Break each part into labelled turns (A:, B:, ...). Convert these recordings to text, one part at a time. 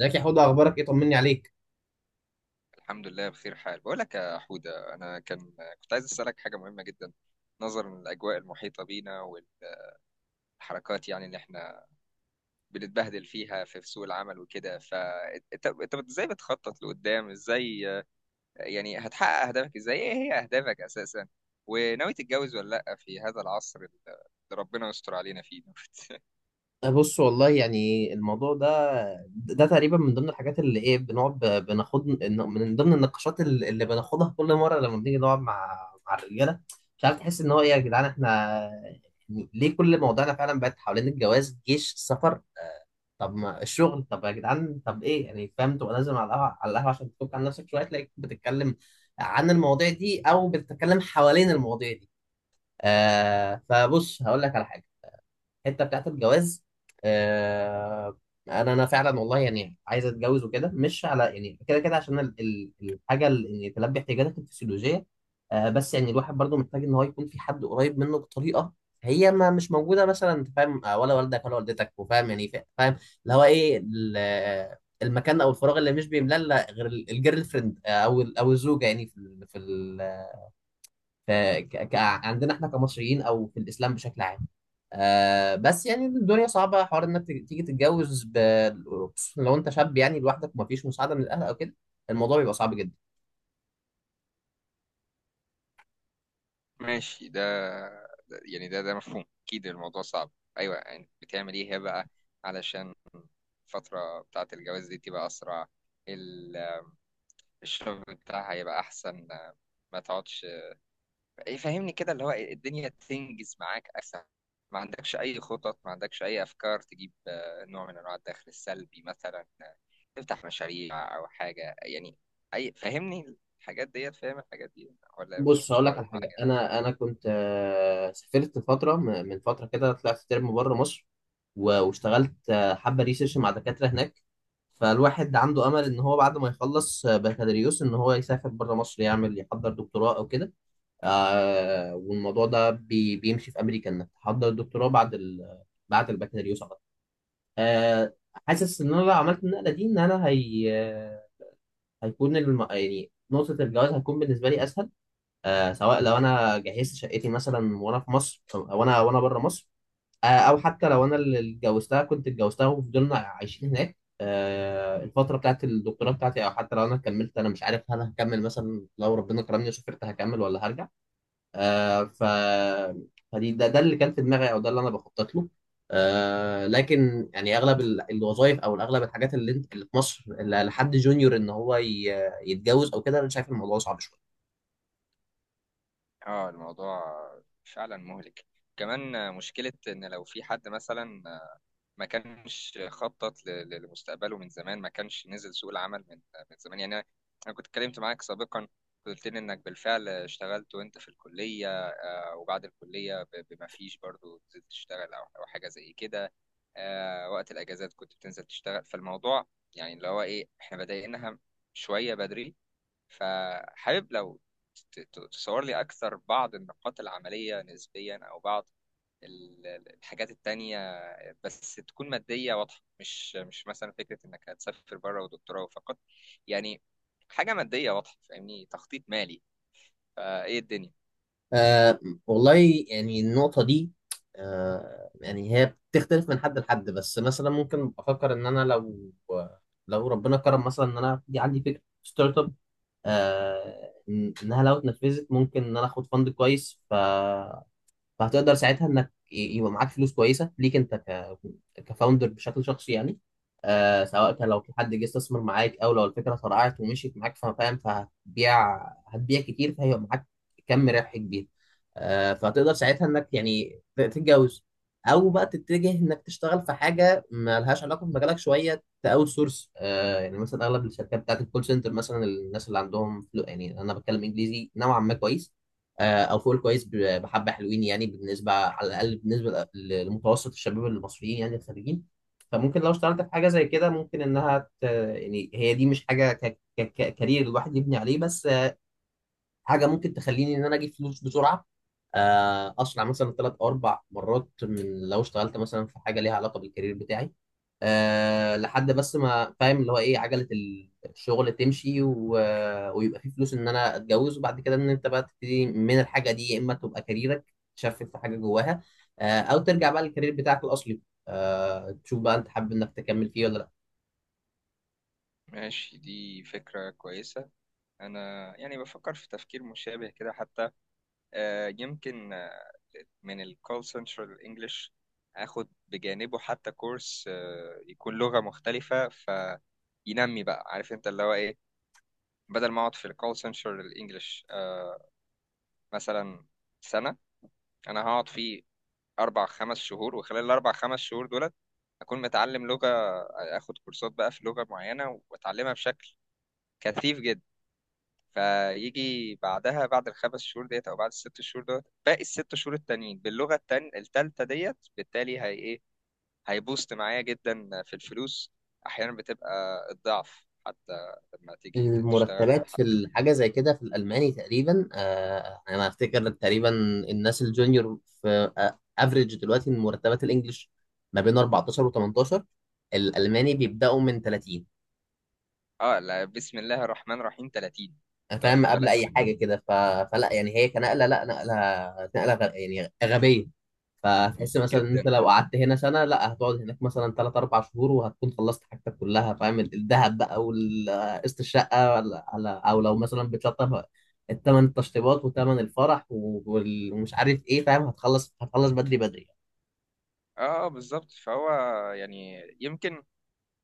A: ازيك يا حوده؟ اخبارك ايه؟ طمني عليك.
B: الحمد لله بخير حال. بقول لك يا حودة، أنا كنت عايز أسألك حاجة مهمة جدا نظرا للأجواء المحيطة بينا والحركات، يعني، اللي احنا بنتبهدل فيها في سوق العمل وكده. فأنت إزاي بتخطط لقدام؟ إزاي يعني هتحقق أهدافك؟ إزاي؟ إيه هي أهدافك أساسا؟ وناوي تتجوز ولا لأ في هذا العصر اللي ربنا يستر علينا فيه؟
A: بص والله يعني الموضوع ده تقريبا من ضمن الحاجات اللي ايه، بنقعد بناخد، من ضمن النقاشات اللي بناخدها كل مره لما بنيجي نقعد مع الرجاله. مش عارف، تحس ان هو ايه يا جدعان، احنا يعني ليه كل موضوعنا فعلا بقت حوالين الجواز جيش السفر؟ طب ما الشغل، طب يا جدعان، طب ايه يعني؟ فاهم، تبقى نازل على القهوه عشان تفك عن نفسك شويه، تلاقيك بتتكلم عن المواضيع دي او بتتكلم حوالين المواضيع دي. فبص، هقول لك على حاجه. الحته بتاعت الجواز، آه انا فعلا والله يعني عايز اتجوز وكده، مش على يعني كده كده، عشان الحاجه اللي يعني تلبي احتياجاتك الفسيولوجيه. بس يعني الواحد برضو محتاج ان هو يكون في حد قريب منه، بطريقه هي ما مش موجوده مثلا. انت فاهم؟ ولا والدك ولا والدتك، وفاهم يعني فاهم اللي هو ايه المكان او الفراغ اللي مش بيملى إلا غير الجيرل فريند، او الزوجه، يعني في ف- عندنا احنا كمصريين او في الاسلام بشكل عام. بس يعني الدنيا صعبه، حوار انك تيجي تتجوز خصوصاً لو انت شاب يعني لوحدك ومفيش مساعده من الاهل او كده، الموضوع بيبقى صعب جدا.
B: ماشي. ده يعني ده مفهوم، اكيد الموضوع صعب. ايوه، يعني بتعمل ايه هي بقى علشان الفتره بتاعه الجواز دي تبقى اسرع، ال- الشغل بتاعها يبقى احسن، ما تقعدش؟ فهمني كده اللي هو الدنيا تنجز معاك اسهل. ما عندكش اي خطط؟ ما عندكش اي افكار تجيب نوع من انواع الدخل السلبي مثلا؟ تفتح مشاريع او حاجه يعني؟ اي فهمني الحاجات ديت، فاهم الحاجات دي ولا مش
A: بص
B: مش
A: هقول لك
B: لاقط
A: على حاجه،
B: معايا؟
A: انا كنت سافرت فتره، من فتره كده طلعت ترم بره مصر واشتغلت حبه ريسيرش مع دكاتره هناك. فالواحد عنده امل ان هو بعد ما يخلص بكالوريوس، ان هو يسافر بره مصر، يعمل يحضر دكتوراه او كده. والموضوع ده بيمشي في امريكا، انك تحضر الدكتوراه بعد البكالوريوس على طول. آه حاسس ان انا لو عملت النقله دي، ان انا هيكون يعني نقطه الجواز هتكون بالنسبه لي اسهل. سواء لو انا جهزت شقتي مثلا وانا في مصر، او انا وانا بره مصر، او حتى لو انا اللي اتجوزتها كنت اتجوزتها، وفضلنا عايشين هناك الفتره بتاعت الدكتوراه بتاعتي، او حتى لو انا كملت. انا مش عارف، هل هكمل مثلا لو ربنا كرمني وسافرت، هكمل ولا هرجع؟ آه ف فدي ده اللي كان في دماغي، او ده اللي انا بخطط له. لكن يعني اغلب الوظائف او اغلب الحاجات اللي انت اللي في مصر اللي لحد جونيور، ان هو يتجوز او كده، انا شايف الموضوع صعب شويه.
B: اه، الموضوع فعلا مهلك. كمان مشكلة إن لو في حد مثلا ما كانش خطط لمستقبله من زمان، ما كانش نزل سوق العمل من زمان. يعني أنا كنت اتكلمت معاك سابقا، قلت لي إنك بالفعل اشتغلت وأنت في الكلية، وبعد الكلية بما فيش برضو نزلت تشتغل أو حاجة زي كده. وقت الأجازات كنت بتنزل تشتغل. فالموضوع يعني اللي هو إيه، إحنا بدأناها شوية بدري. فحابب لو تصور لي أكثر بعض النقاط العملية نسبيا، أو بعض الحاجات التانية، بس تكون مادية واضحة. مش مثلا فكرة إنك هتسافر بره ودكتوراه فقط، يعني حاجة مادية واضحة، فاهمني، تخطيط مالي. فإيه الدنيا؟
A: آه والله، يعني النقطه دي، يعني هي بتختلف من حد لحد. بس مثلا ممكن افكر ان انا لو ربنا كرم، مثلا ان انا دي عندي فكره ستارت اب، انها لو اتنفذت ممكن ان انا اخد فند كويس. فهتقدر ساعتها انك يبقى معاك فلوس كويسه ليك انت كفاوندر بشكل شخصي يعني. سواء كان لو في حد جه استثمر معاك، او لو الفكره فرقعت ومشيت معاك فاهم، فهتبيع كتير، فهيبقى معاك كم ربح كبير. فهتقدر ساعتها انك يعني تتجوز، او بقى تتجه انك تشتغل في حاجه ما لهاش علاقه بمجالك شويه، تاوت سورس. يعني مثلا اغلب الشركات بتاعت الكول سنتر مثلا، الناس اللي عندهم يعني انا بتكلم انجليزي نوعا ما كويس او فوق الكويس، بحبه حلوين يعني بالنسبه، على الاقل بالنسبه لمتوسط الشباب المصريين يعني الخريجين. فممكن لو اشتغلت في حاجه زي كده ممكن انها يعني هي دي مش حاجه كارير الواحد يبني عليه. بس حاجه ممكن تخليني ان انا اجيب فلوس بسرعه، اسرع مثلا ثلاث او اربع مرات من لو اشتغلت مثلا في حاجه ليها علاقه بالكارير بتاعي. لحد بس ما فاهم اللي هو ايه، عجله الشغل تمشي ويبقى في فلوس ان انا اتجوز، وبعد كده ان انت بقى تبتدي من الحاجه دي. يا اما تبقى كاريرك تشفت في حاجه جواها، او ترجع بقى للكارير بتاعك الاصلي، تشوف بقى انت حابب انك تكمل فيه ولا.
B: ماشي، دي فكرة كويسة. أنا يعني بفكر في تفكير مشابه كده حتى، يمكن من الكول سنترال انجلش اخد بجانبه حتى كورس، يكون لغة مختلفة فينمي بقى، عارف انت اللي هو ايه. بدل ما اقعد في الكول سنترال انجلش مثلا سنة، انا هقعد فيه اربع خمس شهور، وخلال الاربع خمس شهور دولت اكون متعلم لغة، اخد كورسات بقى في لغة معينة واتعلمها بشكل كثيف جدا، فيجي بعدها بعد الخمس شهور ديت او بعد الست شهور ديت، باقي الست شهور التانيين باللغة التالتة ديت. بالتالي هي إيه؟ هيبوست معايا جدا في الفلوس، احيانا بتبقى الضعف حتى لما تيجي تشتغلها
A: المرتبات في
B: حتى.
A: الحاجة زي كده في الألماني تقريبا، أنا أفتكر تقريبا الناس الجونيور في أفريج دلوقتي من مرتبات الإنجليش ما بين 14 و 18، الألماني بيبدأوا من 30.
B: اه لا، بسم الله الرحمن الرحيم، 30! انت
A: فاهم
B: واخد
A: قبل
B: بالك؟
A: أي حاجة كده؟ فلا يعني هي كنقلة، لا نقلة، نقلة يعني غبية. فتحس مثلا ان انت
B: جدا.
A: لو قعدت هنا سنه، لا، هتقعد هناك مثلا 3 4 شهور، وهتكون خلصت حاجتك كلها. فاهم؟ الذهب بقى وقسط الشقه، ولا على، او لو مثلا بتلطف الثمن، التشطيبات وثمن الفرح ومش عارف ايه، فاهم؟ هتخلص بدري بدري.
B: اه بالظبط. فهو يعني يمكن،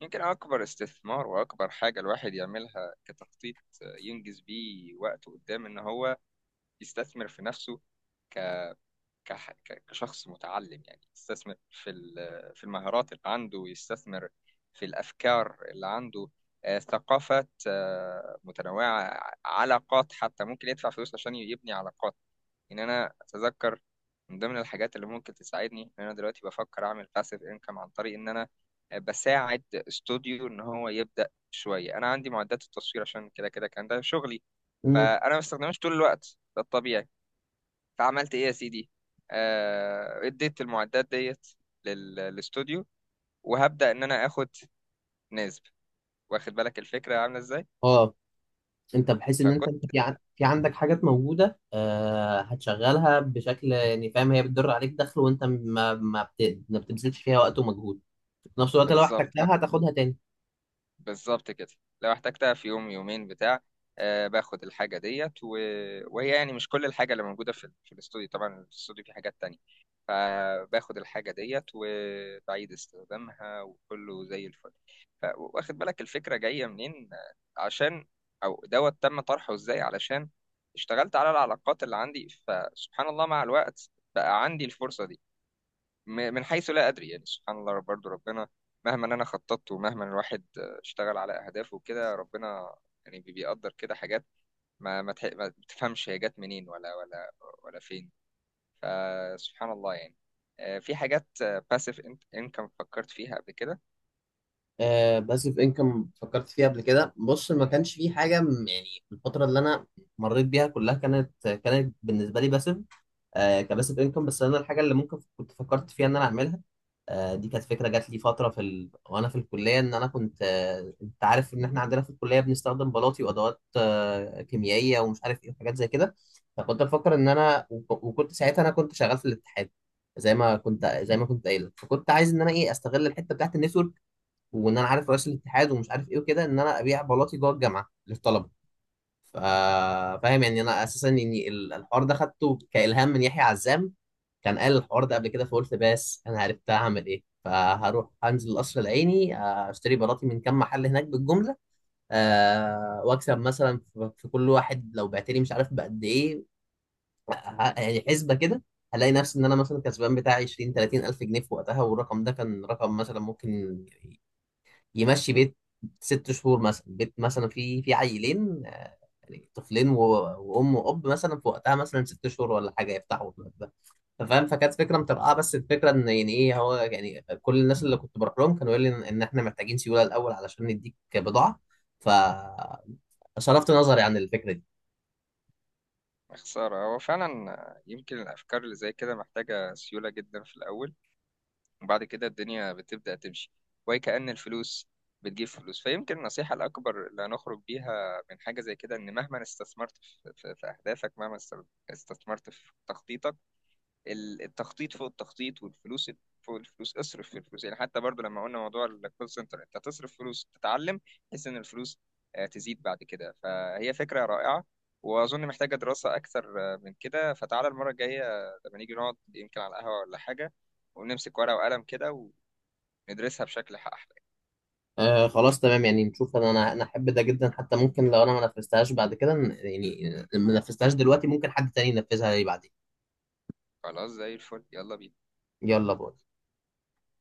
B: يمكن اكبر استثمار واكبر حاجه الواحد يعملها كتخطيط ينجز بيه وقته قدام، ان هو يستثمر في نفسه ك كشخص متعلم، يعني يستثمر في المهارات اللي عنده، ويستثمر في الأفكار اللي عنده، ثقافات، متنوعة، علاقات. حتى ممكن يدفع فلوس عشان يبني علاقات. إن أنا أتذكر من ضمن الحاجات اللي ممكن تساعدني إن أنا دلوقتي بفكر أعمل باسيف إنكم، عن طريق إن أنا بساعد استوديو إن هو يبدأ شوية. أنا عندي معدات التصوير، عشان كده كده كان ده شغلي،
A: امم
B: فأنا ما بستخدمهاش طول الوقت، ده الطبيعي. فعملت ايه يا سيدي، اديت المعدات ديت للاستوديو، وهبدأ ان انا اخد نسب. واخد بالك الفكرة عاملة ازاي؟
A: اه انت، بحيث ان انت
B: فكنت
A: انت في عندك حاجات موجوده، هتشغلها بشكل يعني فاهم، هي بتدر عليك دخل، وانت ما بتبذلش فيها وقت ومجهود. في نفس الوقت لو
B: بالظبط،
A: احتجتها هتاخدها تاني.
B: بالظبط كده. لو احتجتها في يوم يومين بتاع، باخد الحاجة ديت وهي يعني مش كل الحاجة اللي موجودة في الاستوديو، طبعا الاستوديو فيه حاجات تانية، فباخد الحاجة ديت وبعيد استخدامها وكله زي الفل. واخد بالك الفكرة جاية منين؟ عشان أو دوت تم طرحه ازاي، علشان اشتغلت على العلاقات اللي عندي، فسبحان الله مع الوقت بقى عندي الفرصة دي، من حيث لا أدري. يعني سبحان الله، برضو ربنا مهما أنا خططت ومهما الواحد اشتغل على أهدافه وكده، ربنا يعني بيقدر كده حاجات ما تفهمش هي جت منين ولا ولا فين. فسبحان الله يعني، في حاجات باسيف انكم فكرت فيها قبل كده.
A: باسيف انكم فكرت فيها قبل كده؟ بص، ما كانش في حاجه يعني الفتره اللي انا مريت بيها كلها كانت بالنسبه لي باسيف، كباسيف انكم. بس انا الحاجه اللي ممكن كنت فكرت فيها ان انا اعملها، دي كانت فكره جات لي فتره في وانا في الكليه. ان انا كنت انت عارف ان احنا عندنا في الكليه بنستخدم بلاطي وادوات كيميائيه ومش عارف ايه، وحاجات زي كده. فكنت بفكر ان انا وكنت ساعتها، انا كنت شغال في الاتحاد، زي ما كنت قايل، فكنت عايز ان انا ايه، استغل الحته بتاعت النتورك، وان انا عارف رئيس الاتحاد ومش عارف ايه وكده، ان انا ابيع بلاطي جوه الجامعه للطلبه. ف- فاهم؟ يعني انا اساسا يعني الحوار ده خدته كالهام من يحيى عزام، كان قال الحوار ده قبل كده. فقلت بس انا عرفت هعمل ايه، فهروح انزل القصر العيني اشتري بلاطي من كام محل هناك بالجمله، واكسب مثلا في كل واحد لو بعت لي مش عارف بقد ايه. يعني حسبه كده، هلاقي نفسي ان انا مثلا كسبان بتاع 20 30 الف جنيه في وقتها، والرقم ده كان رقم مثلا ممكن يمشي بيت ست شهور، مثلا بيت مثلا فيه في عيلين، يعني طفلين وام واب مثلا، في وقتها مثلا ست شهور ولا حاجه يفتحوا الباب ده. فاهم؟ فكانت فكره مترقعه. بس الفكره ان، يعني ايه، هو يعني كل الناس اللي كنت بروح لهم كانوا يقولوا لي ان إن احنا محتاجين سيوله الاول علشان نديك بضاعه. ف صرفت نظري عن الفكره دي.
B: خسارة، هو فعلا يمكن الأفكار اللي زي كده محتاجة سيولة جدا في الأول، وبعد كده الدنيا بتبدأ تمشي، وكأن الفلوس بتجيب فلوس. فيمكن النصيحة الأكبر اللي هنخرج بيها من حاجة زي كده إن مهما استثمرت في أهدافك، مهما استثمرت في تخطيطك، ال- التخطيط فوق التخطيط، والفلوس فوق الفلوس. اصرف في الفلوس، يعني حتى برضو لما قلنا موضوع الكول سنتر، انت تصرف فلوس تتعلم بحيث ان الفلوس، تزيد بعد كده. فهي فكرة رائعة، واظن محتاجة دراسة اكثر، من كده. فتعالى المرة الجاية، لما نيجي نقعد يمكن على القهوة ولا حاجة، ونمسك ورقة وقلم كده وندرسها بشكل احلى.
A: خلاص تمام، يعني نشوف. انا انا أنا احب ده جدا حتى، ممكن لو انا ما نفذتهاش بعد كده يعني، ما نفذتهاش دلوقتي، ممكن حد تاني ينفذها لي بعدين.
B: خلاص، زي الفل، يلا بينا.
A: يلا باي.